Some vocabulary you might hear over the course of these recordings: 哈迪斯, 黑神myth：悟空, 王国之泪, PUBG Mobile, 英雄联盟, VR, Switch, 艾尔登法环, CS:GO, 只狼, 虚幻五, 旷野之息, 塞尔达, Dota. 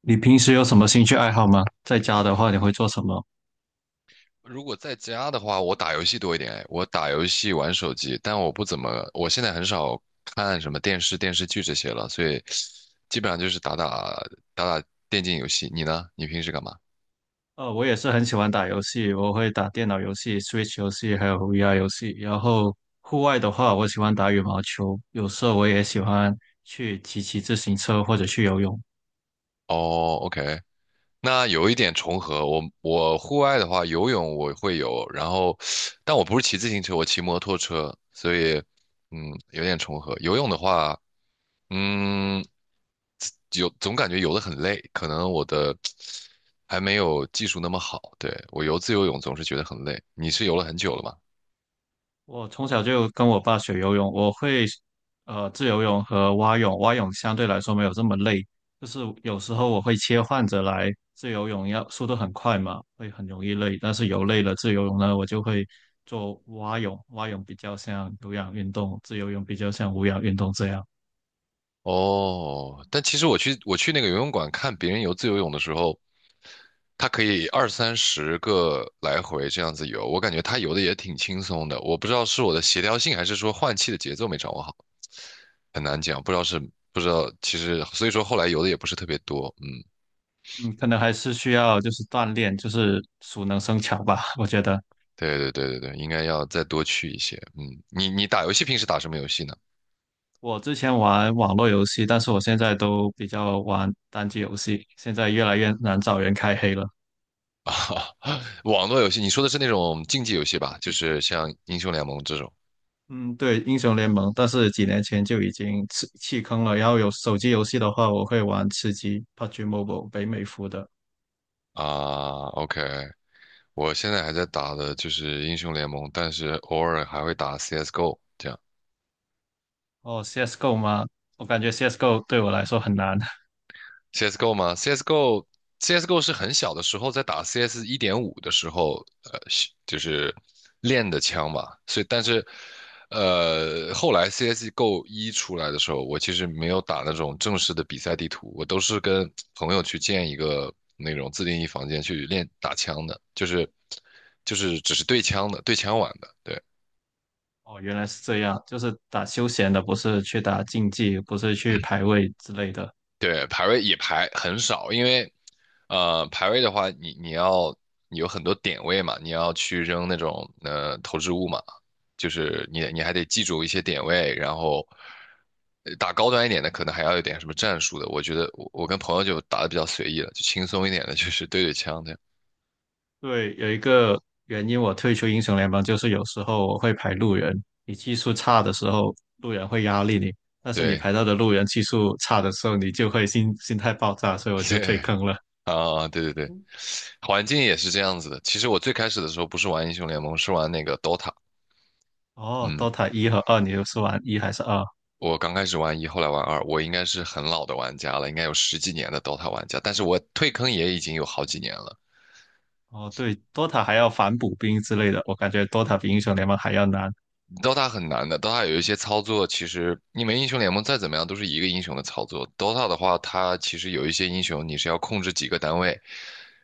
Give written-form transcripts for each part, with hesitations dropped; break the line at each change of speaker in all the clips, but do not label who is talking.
你平时有什么兴趣爱好吗？在家的话，你会做什么？
如果在家的话，我打游戏多一点，我打游戏玩手机，但我不怎么，我现在很少看什么电视、电视剧这些了，所以基本上就是打打电竞游戏。你呢？你平时干嘛？
我也是很喜欢打游戏，我会打电脑游戏、Switch 游戏，还有 VR 游戏。然后户外的话，我喜欢打羽毛球，有时候我也喜欢去骑骑自行车或者去游泳。
哦，OK，那有一点重合。我户外的话，游泳我会游，然后但我不是骑自行车，我骑摩托车，所以嗯，有点重合。游泳的话，嗯。有总感觉游得很累，可能我的还没有技术那么好。对，我游自由泳总是觉得很累。你是游了很久了吗？
我从小就跟我爸学游泳，我会自由泳和蛙泳，蛙泳相对来说没有这么累，就是有时候我会切换着来，自由泳要速度很快嘛，会很容易累，但是游累了自由泳呢，我就会做蛙泳，蛙泳比较像有氧运动，自由泳比较像无氧运动这样，
哦，但其实我去那个游泳馆看别人游自由泳的时候，他可以二三十个来回这样子游，我感觉他游的也挺轻松的。我不知道是我的协调性，还是说换气的节奏没掌握好，很难讲。不知道是不知道，其实所以说后来游的也不是特别多。嗯，
嗯，可能还是需要就是锻炼，就是熟能生巧吧，我觉得。
对对对对对，应该要再多去一些。嗯，你打游戏平时打什么游戏呢？
我之前玩网络游戏，但是我现在都比较玩单机游戏，现在越来越难找人开黑了。
啊，网络游戏，你说的是那种竞技游戏吧？就是像英雄联盟这种
嗯，对，英雄联盟，但是几年前就已经弃坑了。然后有手机游戏的话，我会玩吃鸡 PUBG Mobile 北美服的。
啊。OK，我现在还在打的就是英雄联盟，但是偶尔还会打 CS:GO 这样。
哦，CS:GO 吗？我感觉 CS:GO 对我来说很难。
CSGO 吗？CSGO 是很小的时候在打 CS 1.5的时候，呃，是就是练的枪吧。所以，但是，后来 CSGO 一出来的时候，我其实没有打那种正式的比赛地图，我都是跟朋友去建一个那种自定义房间去练打枪的，就是只是对枪的，对枪玩的，对。
哦，原来是这样，就是打休闲的，不是去打竞技，不是去排位之类的。
对，排位也排很少，因为排位的话，你有很多点位嘛，你要去扔那种投掷物嘛，就是你还得记住一些点位，然后打高端一点的，可能还要有点什么战术的。我觉得我跟朋友就打的比较随意了，就轻松一点的，就是对对枪这样。
对，有一个原因我退出英雄联盟，就是有时候我会排路人，你技术差的时候，路人会压力你，但是你
对
排到的路人技术差的时候，你就会心态爆炸，所以我 就退
对
坑了。
啊，对对对，环境也是这样子的。其实我最开始的时候不是玩英雄联盟，是玩那个 DOTA。
哦
嗯，
，Dota 一和二，你又是玩一还是二？
我刚开始玩一，后来玩二，我应该是很老的玩家了，应该有十几年的 Dota 玩家，但是我退坑也已经有好几年了。
哦，对，Dota 还要反补兵之类的，我感觉 Dota 比英雄联盟还要难。
DOTA 很难的，DOTA 有一些操作，其实你们英雄联盟再怎么样都是一个英雄的操作。DOTA 的话，它其实有一些英雄你是要控制几个单位，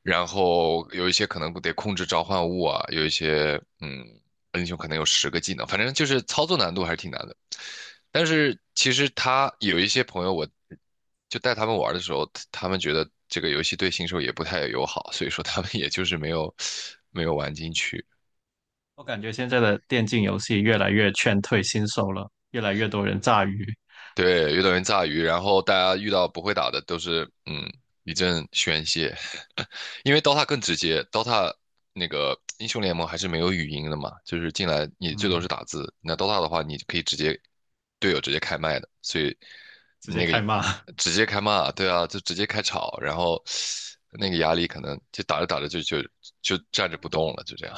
然后有一些可能得控制召唤物啊，有一些英雄可能有10个技能，反正就是操作难度还是挺难的。但是其实他有一些朋友，我就带他们玩的时候，他们觉得这个游戏对新手也不太友好，所以说他们也就是没有玩进去。
我感觉现在的电竞游戏越来越劝退新手了，越来越多人炸鱼，
对，遇到人炸鱼，然后大家遇到不会打的都是一阵宣泄，因为 DOTA 更直接，DOTA 那个英雄联盟还是没有语音的嘛，就是进来你最多
嗯，
是打字，那 DOTA 的话你可以队友直接开麦的，所以
直接
那
开
个
骂。
直接开骂，对啊，就直接开吵，然后那个压力可能就打着打着就站着不动了，就这样。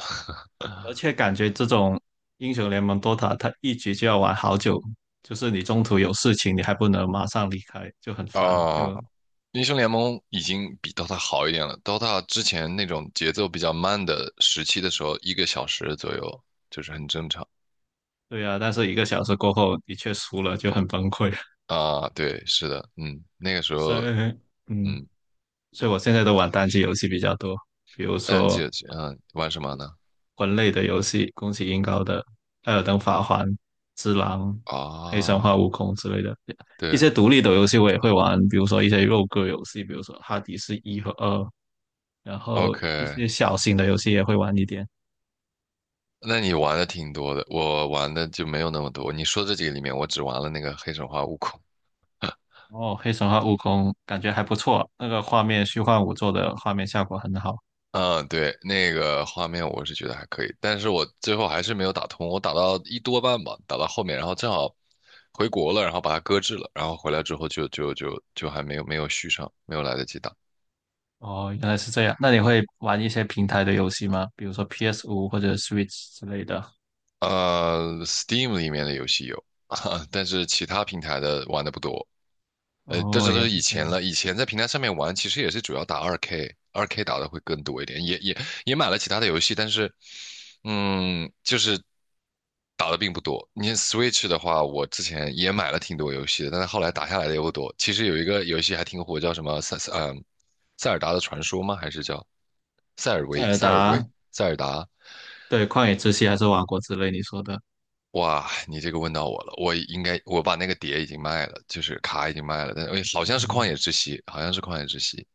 而且感觉这种英雄联盟 Dota，它一局就要玩好久，就是你中途有事情，你还不能马上离开，就很烦。
啊，
就
英雄联盟已经比 DOTA 好一点了。DOTA 之前那种节奏比较慢的时期的时候，1个小时左右就是很正常
对啊，但是一个小时过后，你却输了，就很崩溃。
啊。对，是的，那个时
所
候，
以，嗯，
嗯，
所以我现在都玩单机游戏比较多，比如
单机
说
游戏玩什么呢？
魂类的游戏，恭喜英高的《艾尔登法环》《只狼》《黑神话：
啊，
悟空》之类的，一
对
些独立的游戏我也会玩，比如说一些肉鸽游戏，比如说《哈迪斯一》和《二》，然后
，OK，
一些小型的游戏也会玩一点。
那你玩的挺多的，我玩的就没有那么多。你说这几个里面，我只玩了那个黑神话悟空。
哦，《黑神话：悟空》感觉还不错，那个画面虚幻五做的画面效果很好。
嗯，对，那个画面我是觉得还可以，但是我最后还是没有打通，我打到一多半吧，打到后面，然后正好回国了，然后把它搁置了，然后回来之后就还没有续上，没有来得及打。
哦，原来是这样。那你会玩一些平台的游戏吗？比如说 p s 五或者 Switch 之类的？
Steam 里面的游戏有，但是其他平台的玩的不多。这
哦，
这都
也
是
是
以
这
前
样。
了。以前在平台上面玩，其实也是主要打二 K，二 K 打的会更多一点，也买了其他的游戏，但是，就是打的并不多。你像 Switch 的话，我之前也买了挺多游戏的，但是后来打下来的也不多。其实有一个游戏还挺火，叫什么塞尔达的传说吗？还是叫塞尔
塞
维
尔
塞尔维
达，
塞尔达？
对，旷野之息还是王国之泪，你说的，
哇，你这个问到我了，我应该我把那个碟已经卖了，就是卡已经卖了，但哎好像是旷
嗯，
野之息，好像是旷野之息。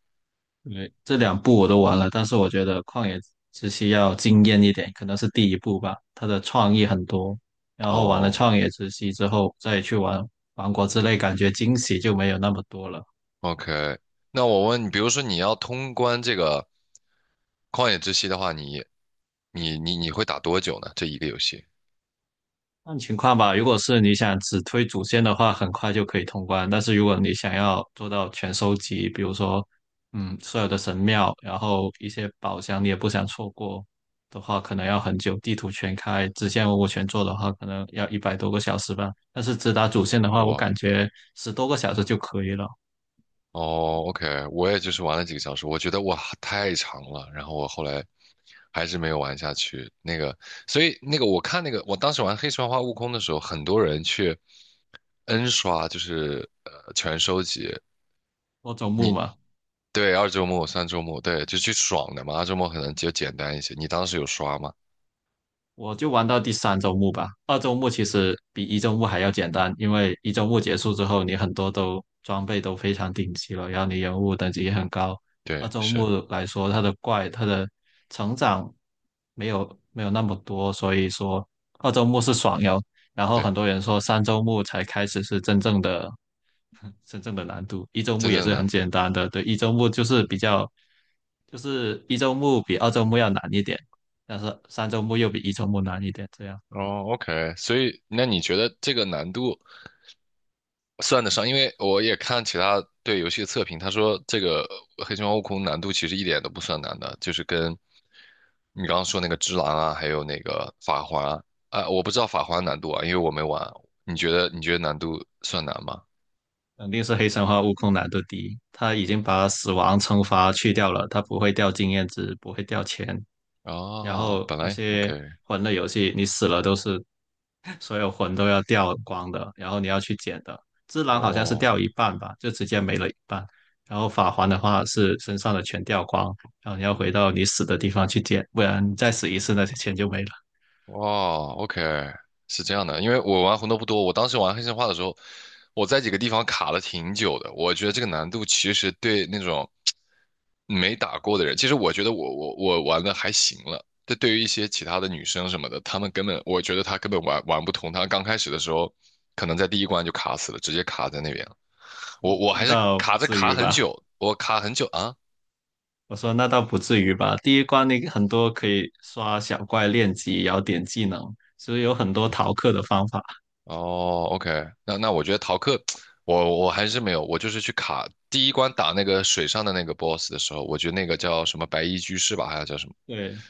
对，这两部我都玩了，但是我觉得旷野之息要惊艳一点，可能是第一部吧，它的创意很多，然后玩了
哦
旷野之息之后再去玩王国之泪，感觉惊喜就没有那么多了。
，OK，那我问你，比如说你要通关这个旷野之息的话，你会打多久呢？这一个游戏？
看情况吧，如果是你想只推主线的话，很快就可以通关。但是如果你想要做到全收集，比如说，嗯，所有的神庙，然后一些宝箱你也不想错过的话，可能要很久。地图全开，支线我全做的话，可能要100多个小时吧。但是只打主线的话，我
哇，
感觉10多个小时就可以了。
哦，OK，我也就是玩了几个小时，我觉得哇太长了，然后我后来还是没有玩下去。那个，所以那个我看那个，我当时玩黑神话悟空的时候，很多人去 N 刷，就是全收集。
多周目
你
嘛。
对二周末、三周末，对，就去爽的嘛，二周末可能就简单一些。你当时有刷吗？
我就玩到第三周目吧。二周目其实比一周目还要简单，因为一周目结束之后，你很多都装备都非常顶级了，然后你人物等级也很高。二
对，
周
是，
目来说，它的怪它的成长没有那么多，所以说二周目是爽游。然后
对，
很多人说三周目才开始是真正的 真正的难度。一周目
真
也
正
是
的难
很
度。
简单的，对，一周目就是比较，就是一周目比二周目要难一点，但是三周目又比一周目难一点，这样
哦，OK，所以那你觉得这个难度算得上？因为我也看其他对游戏的测评，他说这个《黑神话：悟空》难度其实一点都不算难的，就是跟你刚刚说那个《只狼》啊，还有那个《法环》啊，啊我不知道《法环》难度啊，因为我没玩。你觉得你觉得难度算难吗？
肯定是黑神话悟空难度低。他已经把死亡惩罚去掉了，他不会掉经验值，不会掉钱，然
哦，
后
本
那
来
些
OK，
魂类游戏你死了都是所有魂都要掉光的，然后你要去捡的。只狼好像是
哦。
掉一半吧，就直接没了一半。然后法环的话是身上的全掉光，然后你要回到你死的地方去捡，不然你再死一次那些钱就没了。
哇，OK，是这样的，因为我玩红斗不多，我当时玩黑神话的时候，我在几个地方卡了挺久的。我觉得这个难度其实对那种没打过的人，其实我觉得我玩的还行了。这对于一些其他的女生什么的，她们根本，我觉得她根本玩不通。她刚开始的时候，可能在第一关就卡死了，直接卡在那边了。我
那
还是
倒
卡
不
着
至
卡
于
很
吧？
久，我卡很久啊。
我说那倒不至于吧。第一关你很多可以刷小怪练级，然后点技能，所以有很多逃课的方法。
哦，OK，那我觉得逃课，我还是没有，我就是去卡第一关打那个水上的那个 BOSS 的时候，我觉得那个叫什么白衣居士吧，还是叫什么，
对，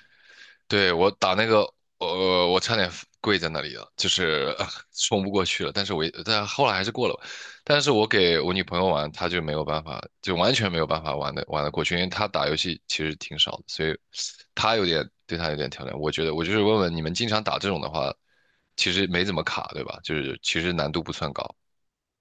对，我打那个，我差点跪在那里了，就是 冲不过去了。但是我也但后来还是过了。但是我给我女朋友玩，她就没有办法，就完全没有办法玩的玩得过去，因为她打游戏其实挺少的，所以她有点对她有点挑战。我觉得，我就是问问你们，经常打这种的话，其实没怎么卡，对吧？就是其实难度不算高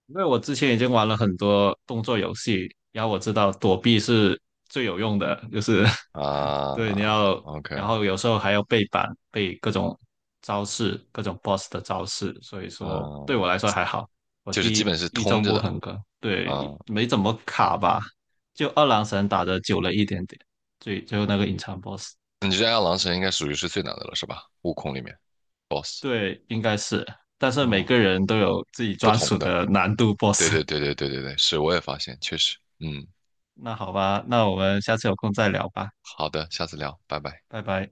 因为我之前已经玩了很多动作游戏，然后我知道躲避是最有用的，就是
啊。
对你要，然
OK，
后有时候还要背板，背各种招式，各种 BOSS 的招式，所以说对我
嗯，
来说还好，我
就是基
第
本是
一周
通着
不
的
很坑，对，
啊。
没怎么卡吧，就二郎神打的久了一点点，最后那个隐藏 BOSS，
你这爱狼神应该属于是最难的了，是吧？悟空里面 BOSS。
对，应该是，但是每
嗯。
个人都有自己
不
专属
同的。
的难度
对
BOSS，
对对对对对对，是，我也发现，确实，
那好吧，那我们下次有空再聊吧。
好的，下次聊，拜拜。
拜拜。